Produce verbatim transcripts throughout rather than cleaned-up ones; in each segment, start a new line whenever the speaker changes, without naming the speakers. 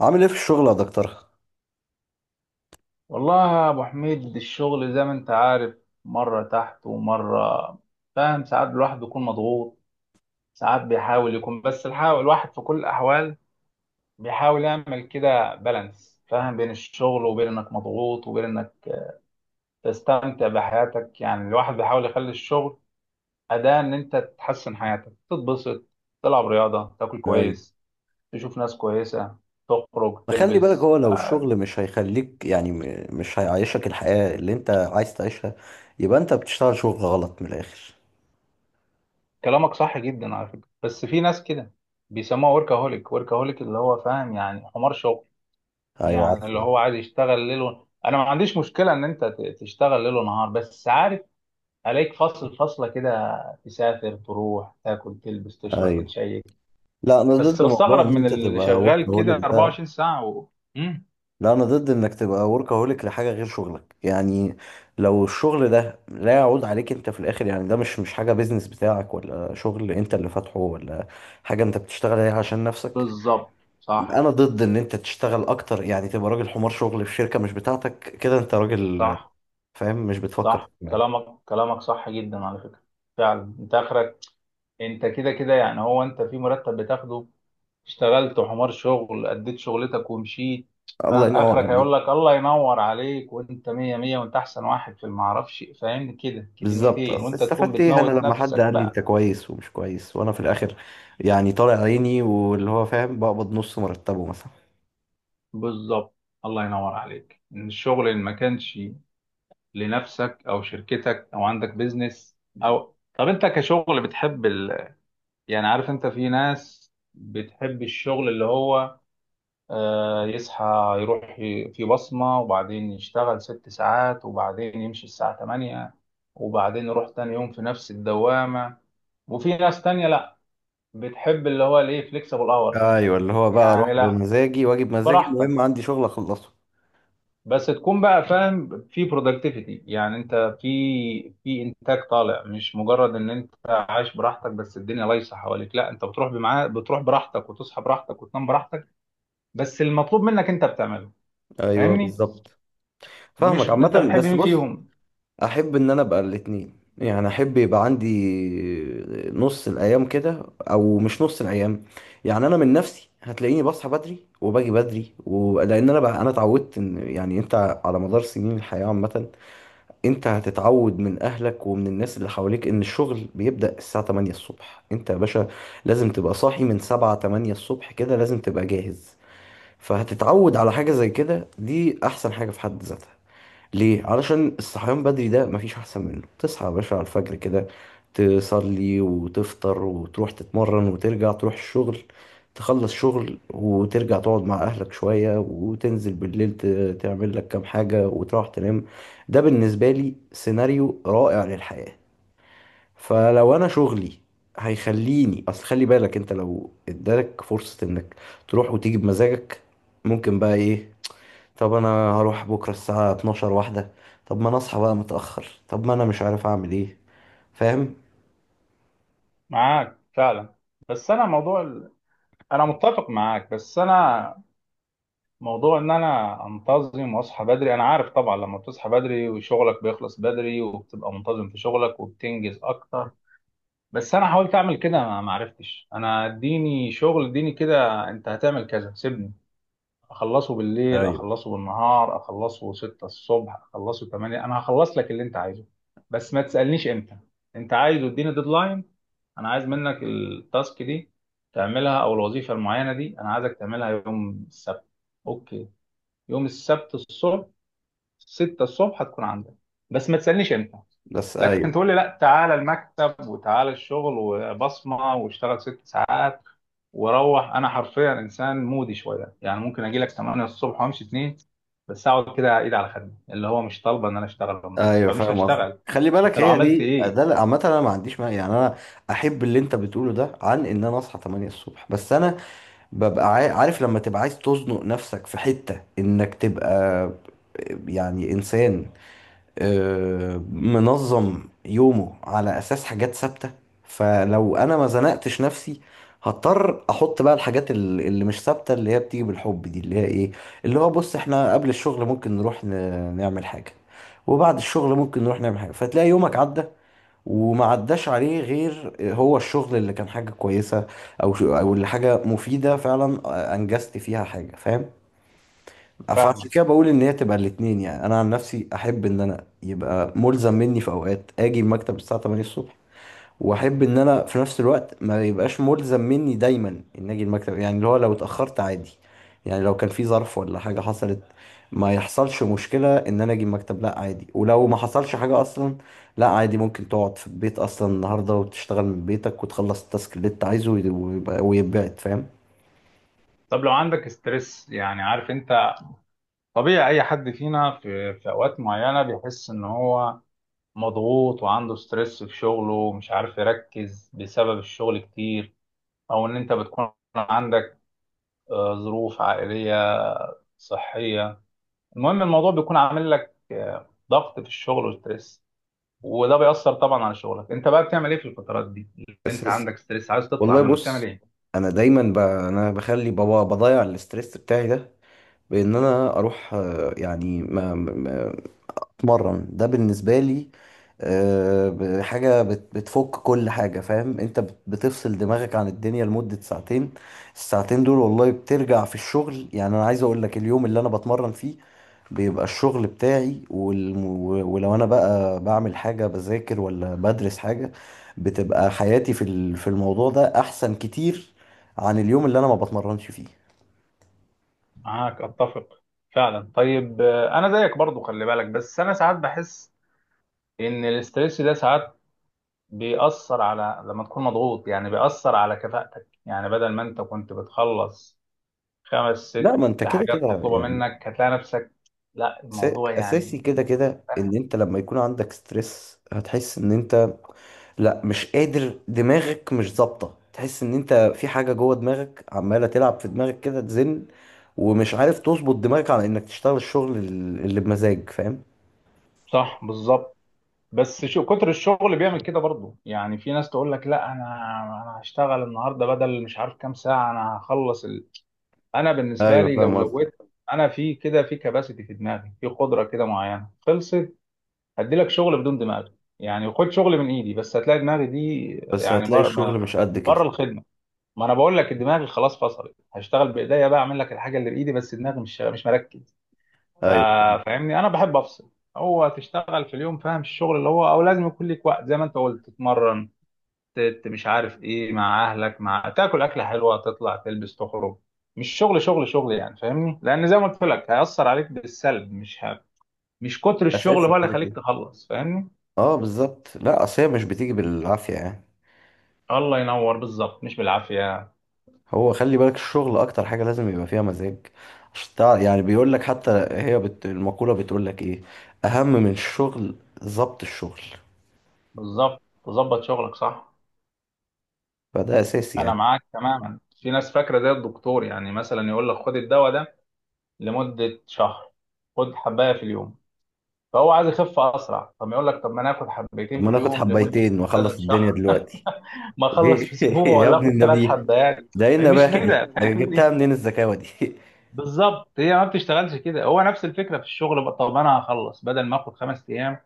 عامل ايه في الشغل يا دكتور؟
والله يا ابو حميد، الشغل زي ما انت عارف، مره تحت ومره. فاهم، ساعات الواحد بيكون مضغوط، ساعات بيحاول يكون بس الحاول الواحد في كل الاحوال بيحاول يعمل كده بالانس، فاهم؟ بين الشغل وبين انك مضغوط وبين انك تستمتع بحياتك. يعني الواحد بيحاول يخلي الشغل اداة ان انت تحسن حياتك، تتبسط، تلعب رياضه، تاكل
ايوه.
كويس، تشوف ناس كويسه، تخرج،
ما خلي بالك،
تلبس.
هو لو الشغل مش هيخليك، يعني م- مش هيعيشك الحياة اللي انت عايز تعيشها، يبقى انت بتشتغل شغل غلط من الاخر.
كلامك صح جدا على فكرة، بس في ناس كده بيسموها وركهوليك، وركهوليك اللي هو فاهم يعني حمار شغل.
ايوه، عارفه
يعني اللي
ده.
هو عايز يشتغل ليل و... انا ما عنديش مشكلة ان انت ت- تشتغل ليل ونهار، بس عارف عليك فصل، فصلة كده، تسافر، تروح، تاكل، تلبس، تشرب،
ايوه،
تتشيك.
لا انا
بس
ضد موضوع
بستغرب
ان
من
انت
اللي
تبقى
شغال كده
وركهوليك ده.
اربعه وعشرين ساعه ساعة و... مم.
لا انا ضد انك تبقى وركهوليك لحاجة غير شغلك يعني. لو الشغل ده لا يعود عليك انت في الاخر، يعني ده مش مش حاجة بيزنس بتاعك، ولا شغل انت اللي فاتحه، ولا حاجة انت بتشتغل عليها عشان نفسك.
بالظبط.
انا
صح،
ضد ان انت تشتغل اكتر، يعني تبقى راجل حمار شغل في شركه مش بتاعتك، كده انت راجل
صح،
فاهم مش بتفكر.
صح، كلامك كلامك صح جدا على فكرة. فعلا انت اخرك، انت كده كده يعني، هو انت في مرتب بتاخده، اشتغلت حمار شغل، اديت شغلتك ومشيت.
الله
فاهم؟
ينور
اخرك
عليك.
هيقول لك الله ينور عليك، وانت مية مية، وانت احسن واحد في المعرفش، فاهمني؟ كده
بالظبط،
كلمتين
أصل
وانت تكون
استفدت ايه انا
بتموت
لما حد
نفسك
قال لي انت
بقى.
كويس ومش كويس، وانا في الاخر يعني طالع عيني، واللي هو فاهم بقبض نص مرتبه مثلا.
بالظبط. الله ينور عليك، ان الشغل اللي ما كانش لنفسك او شركتك، او عندك بيزنس، او طب انت كشغل بتحب ال... يعني عارف، انت في ناس بتحب الشغل اللي هو آه، يصحى، يروح ي- في بصمة، وبعدين يشتغل ست ساعات، وبعدين يمشي الساعة تمانية، وبعدين يروح تاني يوم في نفس الدوامة. وفي ناس تانية لأ، بتحب اللي هو الإيه، فليكسبل أورز.
ايوه، اللي هو بقى
يعني
اروح
لأ،
بمزاجي واجي بمزاجي، المهم
براحتك،
عندي شغل اخلصه.
بس تكون بقى فاهم في برودكتيفيتي، يعني أنت في في إنتاج طالع، مش مجرد إن أنت عايش براحتك بس. الدنيا ليسة حواليك، لأ، أنت بتروح بمعاه، بتروح براحتك، وتصحى براحتك، وتنام براحتك، بس المطلوب منك أنت بتعمله.
ايوه
فاهمني؟
بالظبط، فاهمك
مش انت
عامه،
بتحب
بس
مين
بص.
فيهم؟
احب ان انا ابقى الاتنين، يعني احب يبقى عندي نص الايام كده، او مش نص الايام. يعني انا من نفسي هتلاقيني بصحى بدري وباجي بدري و... لان انا بقى انا اتعودت ان، يعني انت على مدار سنين الحياة عامة، انت هتتعود من اهلك ومن الناس اللي حواليك ان الشغل بيبدأ الساعة تمانية الصبح. انت يا باشا لازم تبقى صاحي من سبعة تمانية الصبح كده، لازم تبقى جاهز. فهتتعود على حاجة زي كده، دي احسن حاجة في حد ذاتها. ليه؟ علشان الصحيان بدري ده مفيش أحسن منه. تصحى يا باشا على الفجر كده، تصلي وتفطر وتروح تتمرن، وترجع تروح الشغل، تخلص شغل وترجع تقعد مع أهلك شوية، وتنزل بالليل ت- تعمل لك كام حاجة وتروح تنام. ده بالنسبة لي سيناريو رائع للحياة. فلو أنا شغلي هيخليني، أصل خلي بالك أنت لو ادالك فرصة إنك تروح وتيجي بمزاجك، ممكن بقى إيه؟ طب انا هروح بكره الساعه اتناشر واحده. طب ما انا اصحى بقى متاخر، طب ما انا مش عارف اعمل ايه، فاهم؟
معاك فعلا. بس انا موضوع ال... انا متفق معاك، بس انا موضوع ان انا انتظم واصحى بدري. انا عارف طبعا لما بتصحى بدري وشغلك بيخلص بدري وبتبقى منتظم في شغلك وبتنجز اكتر، بس انا حاولت اعمل كده ما ما عرفتش. انا اديني شغل، اديني كده، انت هتعمل كذا، سيبني اخلصه بالليل،
ايوه.
اخلصه بالنهار، اخلصه سته الصبح، اخلصه تمانيه. انا هخلص لك اللي انت عايزه، بس ما تسالنيش امتى. انت عايز اديني ديدلاين، انا عايز منك التاسك دي تعملها، او الوظيفه المعينه دي انا عايزك تعملها يوم السبت. اوكي، يوم السبت الصبح سته الصبح هتكون عندك، بس ما تسألنيش امتى.
بس
لكن
ايوه.
تقول لي لا، تعالى المكتب، وتعالى الشغل، وبصمة، واشتغل ست ساعات واروح، انا حرفيا انسان مودي شويه، يعني ممكن اجي لك تمانيه الصبح وامشي اتنين، بس اقعد كده ايد على خدمي اللي هو مش طالبه ان انا اشتغل النهارده،
ايوه
فمش
فاهم قصدي،
هشتغل.
خلي
انت
بالك
لو
هي
عملت
دي،
ايه؟
ده عامه انا ما عنديش مانع يعني. انا احب اللي انت بتقوله ده، عن ان انا اصحى تمانية الصبح، بس انا ببقى عا- عارف لما تبقى عايز تزنق نفسك في حته، انك تبقى يعني انسان آه، منظم يومه على اساس حاجات ثابته. فلو انا ما زنقتش نفسي، هضطر احط بقى الحاجات ال- اللي مش ثابته، اللي هي بتيجي بالحب دي، اللي هي ايه، اللي هو بص احنا قبل الشغل ممكن نروح ن- نعمل حاجه. وبعد الشغل ممكن نروح نعمل حاجه، فتلاقي يومك عدى وما عداش عليه غير هو الشغل اللي كان حاجه كويسه، او ش- او اللي حاجه مفيده فعلا انجزت فيها حاجه، فاهم؟
فاهمك.
فعشان كده بقول ان هي تبقى الاتنين، يعني انا عن نفسي احب ان انا يبقى ملزم مني في اوقات اجي المكتب الساعه تمانية الصبح، واحب ان انا في نفس الوقت ما يبقاش ملزم مني دايما ان اجي المكتب. يعني اللي هو لو اتاخرت عادي، يعني لو كان في ظرف ولا حاجه حصلت، ما يحصلش مشكله ان انا اجي المكتب، لا عادي. ولو ما حصلش حاجه اصلا لا عادي، ممكن تقعد في البيت اصلا النهارده وتشتغل من بيتك وتخلص التاسك اللي انت عايزه ويبقى ويتبعت، فاهم؟
طب لو عندك ستريس، يعني عارف انت، طبيعي اي حد فينا في في اوقات معينه بيحس ان هو مضغوط وعنده ستريس في شغله ومش عارف يركز بسبب الشغل كتير، او ان انت بتكون عندك آه، ظروف عائلية، صحية. المهم الموضوع بيكون عامل لك آه، ضغط في الشغل وستريس، وده بيأثر طبعا على شغلك. انت بقى بتعمل ايه في الفترات دي اللي انت
اساسي.
عندك ستريس عايز تطلع
والله
منه، بتعمل
بص،
ايه؟
انا دايما ب... انا بخلي بابا بضيع الاستريس بتاعي ده، بان انا اروح، آه، يعني ما... ما... اتمرن. ده بالنسبه لي، آه، ب- حاجه بت... بتفك كل حاجه، فاهم انت بت... بتفصل دماغك عن الدنيا لمده ساعتين. الساعتين دول والله بترجع في الشغل، يعني انا عايز اقول لك اليوم اللي انا بتمرن فيه بيبقى الشغل بتاعي، والم... و- ولو انا بقى بعمل حاجة بذاكر ولا بدرس حاجة، بتبقى حياتي في ال- في الموضوع ده احسن كتير عن اليوم اللي انا ما بتمرنش فيه.
معاك اتفق فعلا. طيب، آه، انا زيك برضو، خلي بالك، بس انا ساعات بحس ان الاستريس ده ساعات بيأثر على لما تكون مضغوط، يعني بيأثر على كفاءتك، يعني بدل ما انت كنت بتخلص خمس
لا
ست
ما انت كده
حاجات
كده
مطلوبة
يعني.
منك، هتلاقي نفسك لا،
أسا-
الموضوع يعني
اساسي كده كده ان
فاهم،
انت لما يكون عندك ستريس، هتحس ان انت لا مش قادر، دماغك مش ظابطة، تحس ان انت في حاجة جوه دماغك عمالة تلعب في دماغك كده تزن، ومش عارف تظبط دماغك على انك تشتغل الشغل ال- اللي بمزاج، فاهم؟
صح بالظبط. بس شو كتر الشغل بيعمل كده برضه. يعني في ناس تقول لك لا، انا انا هشتغل النهارده بدل مش عارف كام ساعة، انا هخلص ال... انا بالنسبة
ايوه
لي
فاهم
لو
قصدي.
زودت انا في كده في كباسيتي، في دماغي، في قدرة كده معينة خلصت، هدي لك شغل بدون دماغ. يعني خد شغل من ايدي، بس هتلاقي دماغي دي
بس
يعني
هتلاقي
بره
الشغل
ما-
مش قد
بره
كده.
الخدمه. ما انا بقول لك دماغي خلاص فصلت، هشتغل بايديا بقى، اعمل لك الحاجه اللي بايدي، بس دماغي مش مش مركز.
ايوه فاهم.
فا- فاهمني، انا بحب افصل. هو تشتغل في اليوم، فاهم الشغل اللي هو، او لازم يكون ليك وقت زي ما انت قلت، تتمرن، ت- ت- مش عارف ايه، مع اهلك، مع تاكل اكله حلوه، تطلع، تلبس، تخرج، مش شغل شغل شغل، يعني فاهمني، لان زي ما قلت لك هيأثر عليك بالسلب، مش ه... مش كتر الشغل
اساسي
هو اللي
كده
يخليك
كده.
تخلص، فاهمني؟
اه بالظبط، لا اصل هي مش بتيجي بالعافيه يعني.
الله ينور، بالظبط، مش بالعافية.
هو خلي بالك الشغل اكتر حاجه لازم يبقى فيها مزاج، عشان تع- يعني بيقول لك، حتى هي بت... المقوله بتقول لك ايه اهم من الشغل؟ ضبط الشغل،
بالظبط، تظبط شغلك، صح.
فده اساسي
أنا
يعني.
معاك تماما، في ناس فاكرة زي الدكتور يعني، مثلا يقول لك خد الدواء ده لمدة شهر، خد حباية في اليوم. فهو عايز يخف أسرع، طب يقول لك طب ما أنا آخد
طب
حبايتين
ما
في
ناخد
اليوم لمدة
حبايتين واخلص
بدل
الدنيا
شهر،
دلوقتي،
ما أخلص
ليه؟
في أسبوع،
يا
ولا
ابن
آخد ثلاث
النبي،
حبايات.
ده ايه
هي مش
النباهه دي،
كده،
ده جبتها
فاهمني؟
منين الذكاوه دي؟
بالظبط، هي ما بتشتغلش كده. هو نفس الفكرة في الشغل بقى، طب أنا هخلص بدل ما آخد خمس أيام.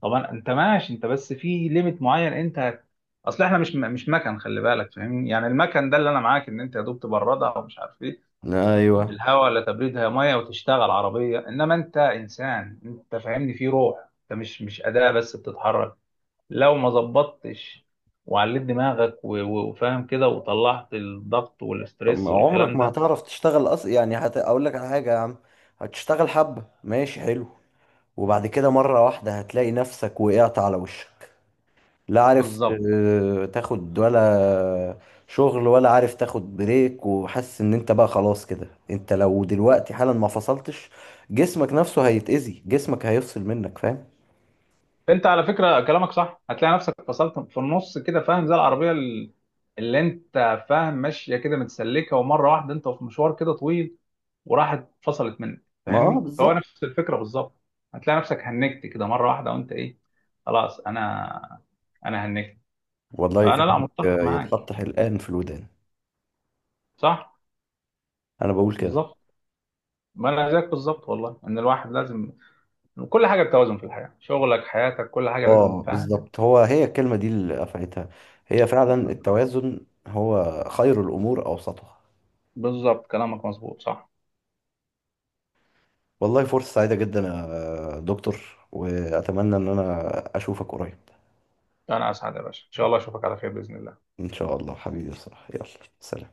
طبعا انت ماشي انت، بس في ليميت معين، انت هت- اصل احنا مش مش مكن، خلي بالك، فاهمني، يعني المكن ده اللي انا معاك، ان انت يا دوب تبردها ومش عارف ايه، ب-
ايوه.
بالهواء، لا تبريدها ميه وتشتغل عربيه، انما انت انسان، انت فاهمني، في روح، انت مش مش اداه بس بتتحرك. لو ما ظبطتش وعليت دماغك و- و- وفاهم كده وطلعت الضغط
أما
والاسترس
عمرك
والكلام
ما
ده،
هتعرف تشتغل، أص... يعني هت... أقول لك على حاجة يا عم، هتشتغل حبة ماشي حلو، وبعد كده مرة واحدة هتلاقي نفسك وقعت على وشك، لا عارف
بالظبط.
ت- تاخد ولا شغل، ولا عارف تاخد بريك، وحاسس ان انت بقى خلاص كده، انت لو دلوقتي حالا ما فصلتش، جسمك نفسه هيتأذي، جسمك هيفصل منك، فاهم؟
انت على فكره كلامك صح، هتلاقي نفسك فصلت في النص كده، فاهم؟ زي العربيه ال- اللي انت فاهم ماشيه كده متسلكه، ومره واحده انت في مشوار كده طويل وراحت فصلت منك،
ما اه
فاهمني؟ فهو
بالظبط.
نفس الفكره بالظبط. هتلاقي نفسك هنكت كده مره واحده، وانت ايه؟ خلاص، انا انا هنكت.
والله
فانا لا
كلامك
متفق معاك،
يتحط حلقان في الودان.
صح،
انا بقول كده.
بالظبط. ما انا زيك بالظبط، والله ان الواحد لازم كل حاجه بتوازن في الحياه، شغلك، حياتك، كل حاجه لازم،
اه
فاهم؟
بالظبط، هو هي الكلمة دي اللي قفلتها، هي فعلا
بالظبط،
التوازن، هو خير الأمور أوسطها.
بالظبط، كلامك مظبوط، صح.
والله فرصة سعيدة جدا يا دكتور، وأتمنى إن أنا أشوفك قريب.
انا اسعد يا باشا، ان شاء الله اشوفك على خير باذن الله.
إن شاء الله حبيبي، صح، يلا سلام.